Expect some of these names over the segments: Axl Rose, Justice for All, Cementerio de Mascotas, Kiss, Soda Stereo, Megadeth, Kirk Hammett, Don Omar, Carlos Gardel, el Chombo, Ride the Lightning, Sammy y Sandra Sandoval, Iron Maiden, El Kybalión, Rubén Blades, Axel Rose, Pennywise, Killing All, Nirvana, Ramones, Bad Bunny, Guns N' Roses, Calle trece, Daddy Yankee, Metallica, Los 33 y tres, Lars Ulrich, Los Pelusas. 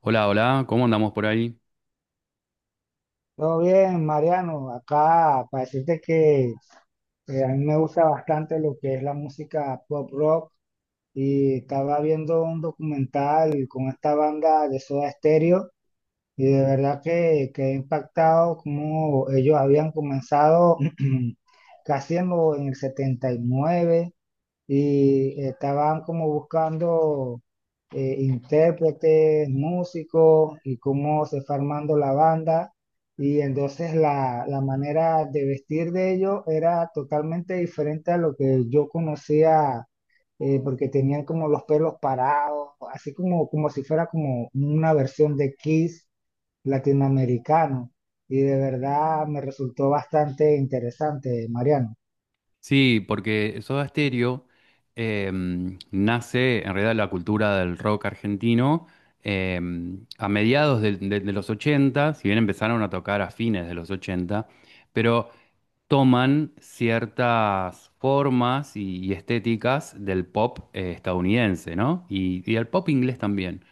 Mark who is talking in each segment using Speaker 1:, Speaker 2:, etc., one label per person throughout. Speaker 1: Hola, hola, ¿cómo andamos por ahí?
Speaker 2: Todo bien, Mariano. Acá para decirte que a mí me gusta bastante lo que es la música pop rock y estaba viendo un documental con esta banda de Soda Stereo y de verdad que he impactado cómo ellos habían comenzado casi en el 79 y estaban como buscando intérpretes, músicos y cómo se fue armando la banda. Y entonces la manera de vestir de ellos era totalmente diferente a lo que yo conocía, porque tenían como los pelos parados, así como si fuera como una versión de Kiss latinoamericano. Y de verdad me resultó bastante interesante, Mariano.
Speaker 1: Sí, porque Soda Stereo nace en realidad la cultura del rock argentino, a mediados de los 80. Si bien empezaron a tocar a fines de los 80, pero toman ciertas formas y estéticas del pop estadounidense, ¿no? Y del pop inglés también.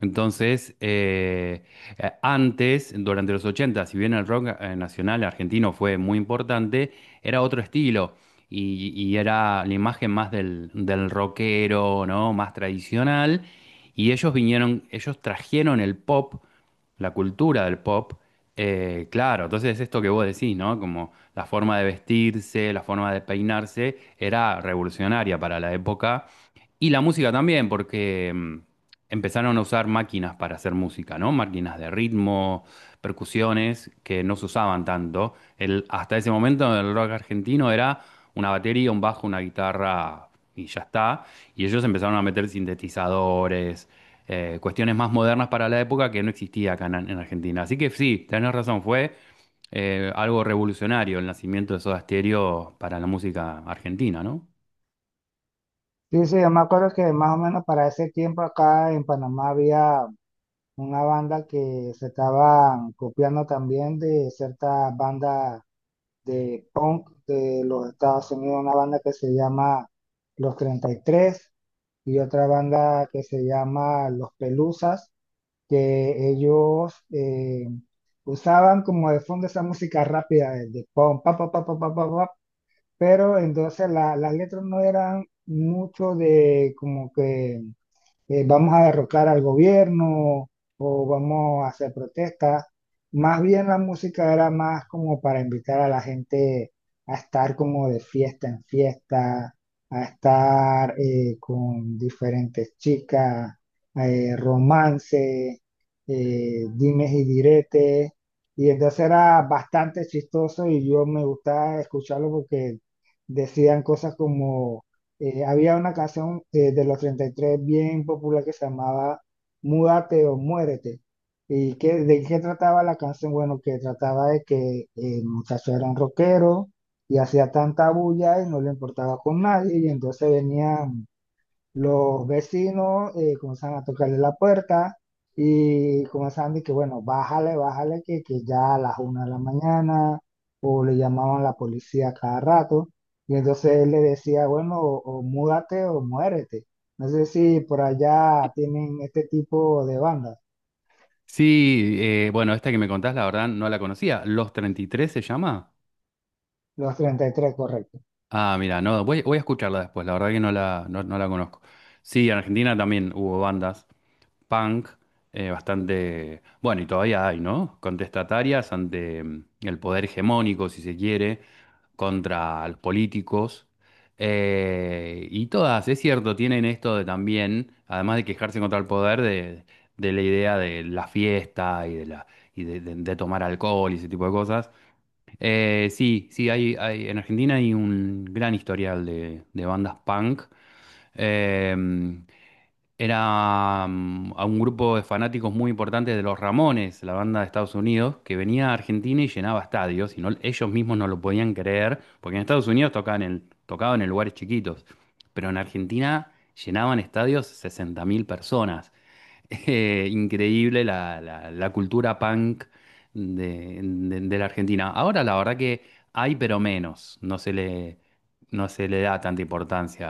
Speaker 1: Entonces, antes, durante los ochenta, si bien el rock nacional argentino fue muy importante, era otro estilo y era la imagen más del, del rockero, ¿no? Más tradicional. Y ellos vinieron, ellos trajeron el pop, la cultura del pop, claro. Entonces, esto que vos decís, ¿no? Como la forma de vestirse, la forma de peinarse, era revolucionaria para la época. Y la música también, porque... mm, empezaron a usar máquinas para hacer música, ¿no? Máquinas de ritmo, percusiones que no se usaban tanto. El, hasta ese momento el rock argentino era una batería, un bajo, una guitarra y ya está. Y ellos empezaron a meter sintetizadores, cuestiones más modernas para la época que no existía acá en Argentina. Así que sí, tenés razón, fue algo revolucionario el nacimiento de Soda Stereo para la música argentina, ¿no?
Speaker 2: Sí, sí, yo me acuerdo que más o menos para ese tiempo acá en Panamá había una banda que se estaban copiando también de cierta banda de punk de los Estados Unidos, una banda que se llama Los 33 y tres y otra banda que se llama Los Pelusas, que ellos usaban como de fondo esa música rápida de punk, pa, pa, pa, pa, pa, pa, pa, pero entonces las letras no eran mucho de como que vamos a derrocar al gobierno o vamos a hacer protestas. Más bien la música era más como para invitar a la gente a estar como de fiesta en fiesta, a estar con diferentes chicas, romance, dimes y diretes. Y entonces era bastante chistoso y yo me gustaba escucharlo porque decían cosas como había una canción de los treinta y tres bien popular que se llamaba Múdate o Muérete. ¿Y qué, de qué trataba la canción? Bueno, que trataba de que el muchacho era un rockero y hacía tanta bulla y no le importaba con nadie y entonces venía los vecinos comenzaron a tocarle la puerta y comenzaban de que, bueno, bájale, bájale, que ya a las una de la mañana, o le llamaban la policía cada rato, y entonces él le decía, bueno, o múdate o muérete. No sé si por allá tienen este tipo de bandas,
Speaker 1: Sí, bueno, esta que me contás, la verdad, no la conocía. ¿Los 33 se llama?
Speaker 2: los treinta y tres correcto.
Speaker 1: Ah, mira, no, voy, voy a escucharla después, la verdad que no la, no, no la conozco. Sí, en Argentina también hubo bandas punk, bastante, bueno, y todavía hay, ¿no? Contestatarias ante el poder hegemónico, si se quiere, contra los políticos. Y todas, es cierto, tienen esto de también, además de quejarse contra el poder, de la idea de la fiesta y de la y de, de tomar alcohol y ese tipo de cosas. Sí, sí, hay, en Argentina hay un gran historial de bandas punk. Eh, Era a un grupo de fanáticos muy importantes de los Ramones, la banda de Estados Unidos, que venía a Argentina y llenaba estadios, y ellos mismos no lo podían creer, porque en Estados Unidos tocaban en, tocaban en lugares chiquitos, pero en Argentina llenaban estadios 60.000 personas. Increíble la, la cultura punk de, de la Argentina. Ahora la verdad que hay, pero menos. No se le, no se le da tanta importancia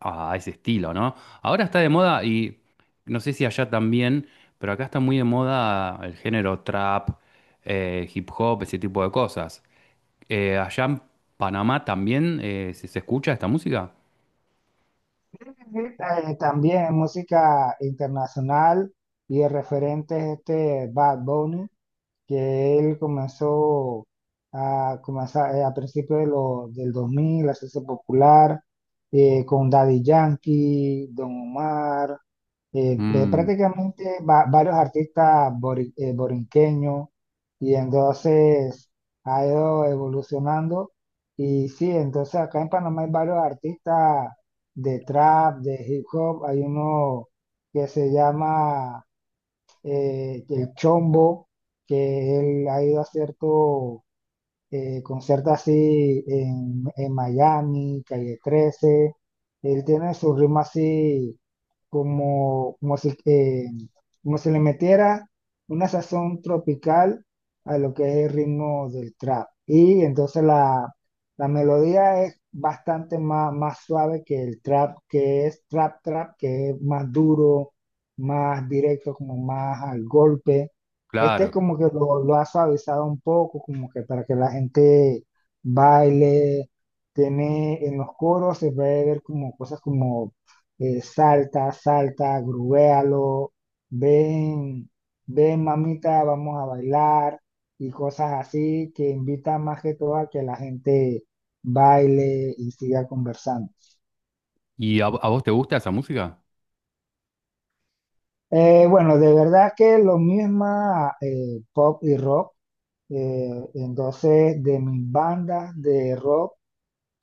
Speaker 1: a ese estilo, ¿no? Ahora está de moda y no sé si allá también, pero acá está muy de moda el género trap, hip hop, ese tipo de cosas. Allá en Panamá también se escucha esta música.
Speaker 2: También música internacional y el referente es este Bad Bunny que él comenzó a principios del 2000 a hacerse popular con Daddy Yankee, Don Omar, de
Speaker 1: Mm,
Speaker 2: prácticamente varios artistas borinqueños y entonces ha ido evolucionando y sí, entonces acá en Panamá hay varios artistas de trap, de hip hop, hay uno que se llama el Chombo, que él ha ido a ciertos concierta así en Miami, Calle 13. Él tiene su ritmo así como, como si, eh, como si le metiera una sazón tropical a lo que es el ritmo del trap. Y entonces la melodía es más suave que el trap, que es trap trap, que es más duro, más directo, como más al golpe. Este es
Speaker 1: claro.
Speaker 2: como que lo ha suavizado un poco, como que para que la gente baile. Tiene en los coros, se puede ver como cosas como salta, salta, grubéalo, ven, ven mamita, vamos a bailar y cosas así que invitan más que todo a que la gente baile y siga conversando.
Speaker 1: ¿Y a vos te gusta esa música?
Speaker 2: Bueno, de verdad que lo mismo pop y rock. Entonces, de mis bandas de rock,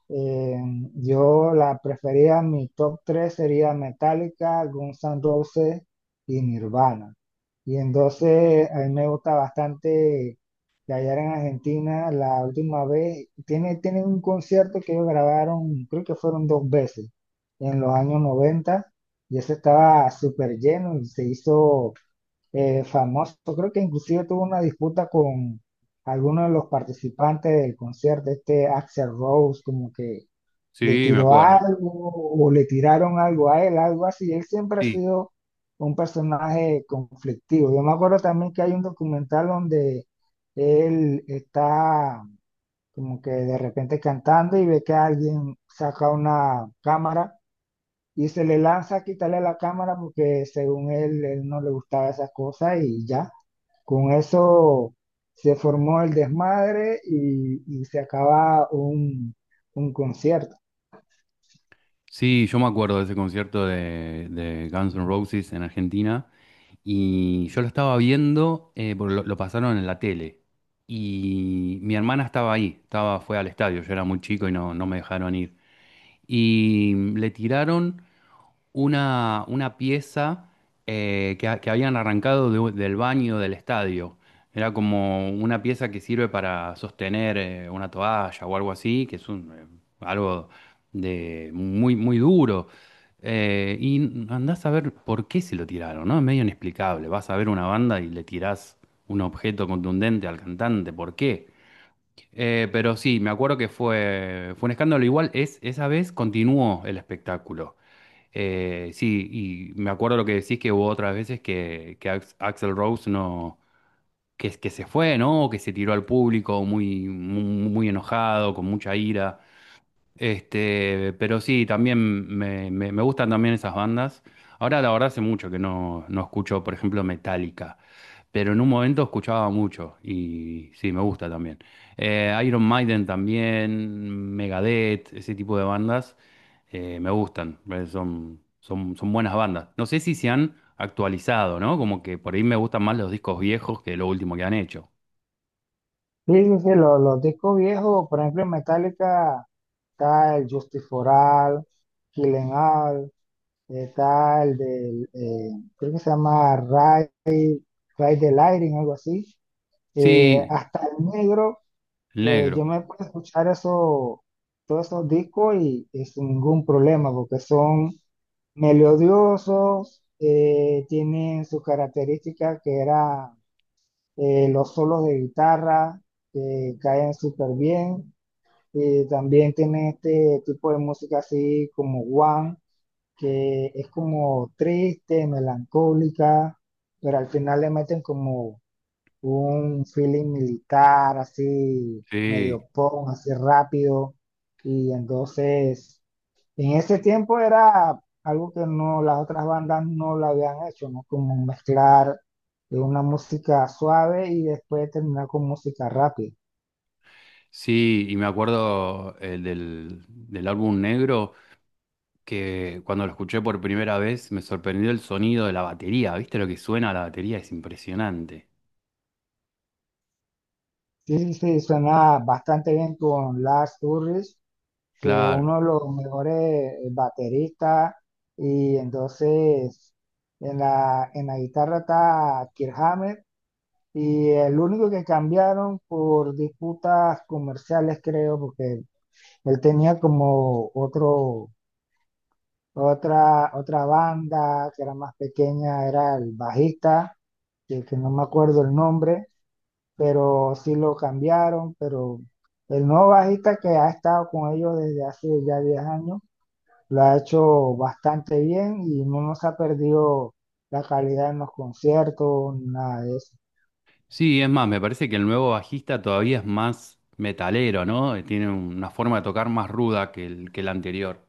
Speaker 2: eh, yo la prefería, mi top 3 sería Metallica, Guns N' Roses y Nirvana. Y entonces, a mí me gusta bastante que allá en Argentina, la última vez, tiene un concierto que ellos grabaron, creo que fueron dos veces, en los años 90 y ese estaba súper lleno y se hizo famoso. Creo que inclusive tuvo una disputa con alguno de los participantes del concierto, este Axel Rose, como que le
Speaker 1: Sí, me
Speaker 2: tiró
Speaker 1: acuerdo.
Speaker 2: algo o le tiraron algo a él, algo así. Él siempre ha
Speaker 1: Sí,
Speaker 2: sido un personaje conflictivo. Yo me acuerdo también que hay un documental donde él está como que de repente cantando y ve que alguien saca una cámara y se le lanza a quitarle la cámara porque según él, él no le gustaba esas cosas y ya. Con eso se formó el desmadre y se acaba un concierto.
Speaker 1: sí, yo me acuerdo de ese concierto de Guns N' Roses en Argentina, y yo lo estaba viendo, porque lo pasaron en la tele y mi hermana estaba ahí, estaba, fue al estadio, yo era muy chico y no, no me dejaron ir. Y le tiraron una pieza que, que habían arrancado del baño del estadio. Era como una pieza que sirve para sostener una toalla o algo así, que es un, algo de muy, muy duro. Y andás a ver por qué se lo tiraron, ¿no? Es medio inexplicable. Vas a ver una banda y le tirás un objeto contundente al cantante, ¿por qué? Pero sí, me acuerdo que fue, fue un escándalo. Igual es, esa vez continuó el espectáculo. Sí, y me acuerdo lo que decís que hubo otras veces que Axl Rose no, que, que se fue, ¿no? O que se tiró al público muy, muy, muy enojado, con mucha ira. Este, pero sí, también me, me gustan también esas bandas. Ahora la verdad hace mucho que no, no escucho, por ejemplo, Metallica, pero en un momento escuchaba mucho y sí, me gusta también. Iron Maiden también, Megadeth, ese tipo de bandas me gustan, son, son, son buenas bandas. No sé si se han actualizado, ¿no? Como que por ahí me gustan más los discos viejos que lo último que han hecho.
Speaker 2: Sí, sí, sí, discos viejos, por ejemplo, en Metallica está el Justice for All, Killing All, está creo que se llama Ride, Ride the Lightning, algo así.
Speaker 1: Sí,
Speaker 2: Hasta el negro.
Speaker 1: el negro,
Speaker 2: Yo me puedo escuchar eso, todos esos discos y sin ningún problema, porque son melodiosos, tienen sus características que era los solos de guitarra, que caen súper bien, y también tienen este tipo de música así como One, que es como triste, melancólica, pero al final le meten como un feeling militar así,
Speaker 1: sí,
Speaker 2: medio punk, así rápido. Y entonces, en ese tiempo era algo que no, las otras bandas no lo habían hecho, ¿no? Como mezclar de una música suave y después terminar con música rápida.
Speaker 1: sí, y me acuerdo el del, del álbum negro, que cuando lo escuché por primera vez me sorprendió el sonido de la batería. ¿Viste lo que suena la batería? Es impresionante.
Speaker 2: Sí, sí, sí, suena bastante bien con Lars Ulrich, que
Speaker 1: Claro.
Speaker 2: uno de los mejores bateristas, y entonces en en la guitarra está Kirk Hammett, y el único que cambiaron por disputas comerciales, creo, porque él tenía como otra banda que era más pequeña, era el bajista, que no me acuerdo el nombre, pero sí lo cambiaron, pero el nuevo bajista que ha estado con ellos desde hace ya 10 años, lo ha hecho bastante bien y no nos ha perdido la calidad en los conciertos, nada de eso.
Speaker 1: Sí, es más, me parece que el nuevo bajista todavía es más metalero, ¿no? Tiene una forma de tocar más ruda que el anterior.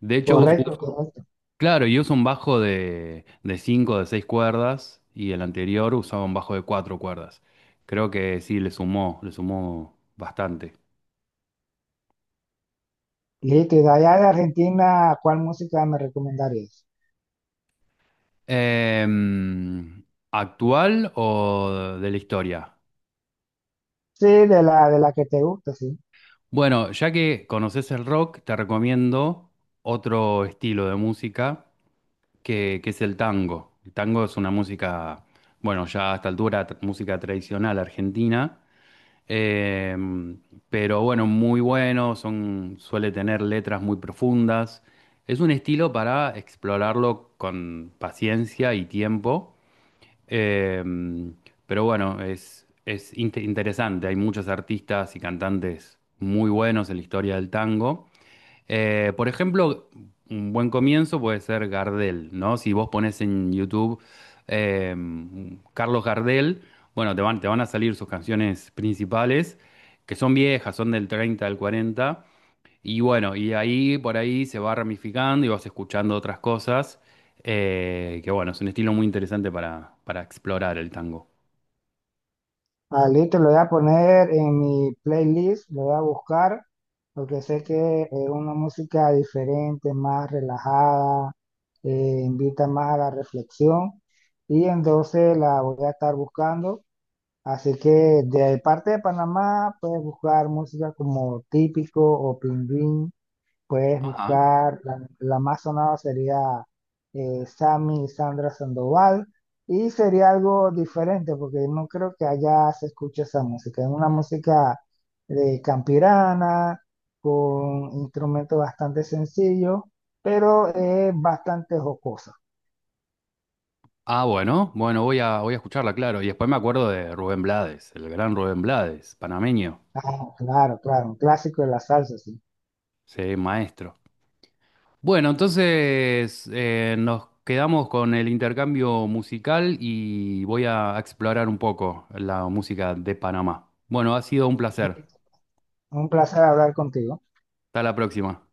Speaker 1: De hecho,
Speaker 2: Correcto, correcto.
Speaker 1: claro, y usa un bajo de cinco, de seis cuerdas, y el anterior usaba un bajo de cuatro cuerdas. Creo que sí, le sumó bastante.
Speaker 2: Listo, y de allá de Argentina, ¿cuál música me recomendarías?
Speaker 1: Em, ¿Actual o de la historia?
Speaker 2: Sí, de de la que te gusta, sí.
Speaker 1: Bueno, ya que conoces el rock, te recomiendo otro estilo de música que es el tango. El tango es una música, bueno, ya a esta altura, música tradicional argentina, eh, pero bueno, muy bueno, son, suele tener letras muy profundas. Es un estilo para explorarlo con paciencia y tiempo, eh, pero bueno, es interesante. Hay muchos artistas y cantantes muy buenos en la historia del tango. Por ejemplo, un buen comienzo puede ser Gardel, ¿no? Si vos pones en YouTube eh, Carlos Gardel, bueno, te van a salir sus canciones principales, que son viejas, son del 30, al 40, y bueno, y ahí por ahí se va ramificando y vas escuchando otras cosas, que bueno, es un estilo muy interesante para explorar el tango.
Speaker 2: Ah, listo, lo voy a poner en mi playlist, lo voy a buscar, porque sé que es una música diferente, más relajada, invita más a la reflexión, y entonces la voy a estar buscando. Así que de parte de Panamá puedes buscar música como Típico o Pingüín. Puedes
Speaker 1: Ajá.
Speaker 2: buscar, la más sonada sería Sammy y Sandra Sandoval. Y sería algo diferente porque no creo que allá se escuche esa música. Es una música de campirana, con instrumentos bastante sencillos, pero es bastante jocosa.
Speaker 1: Ah, bueno, bueno, voy a, voy a escucharla, claro. Y después me acuerdo de Rubén Blades, el gran Rubén Blades, panameño.
Speaker 2: Ah, claro, claro, un clásico de la salsa, sí.
Speaker 1: Sí, maestro. Bueno, entonces nos quedamos con el intercambio musical y voy a explorar un poco la música de Panamá. Bueno, ha sido un placer.
Speaker 2: Un placer hablar contigo.
Speaker 1: Hasta la próxima.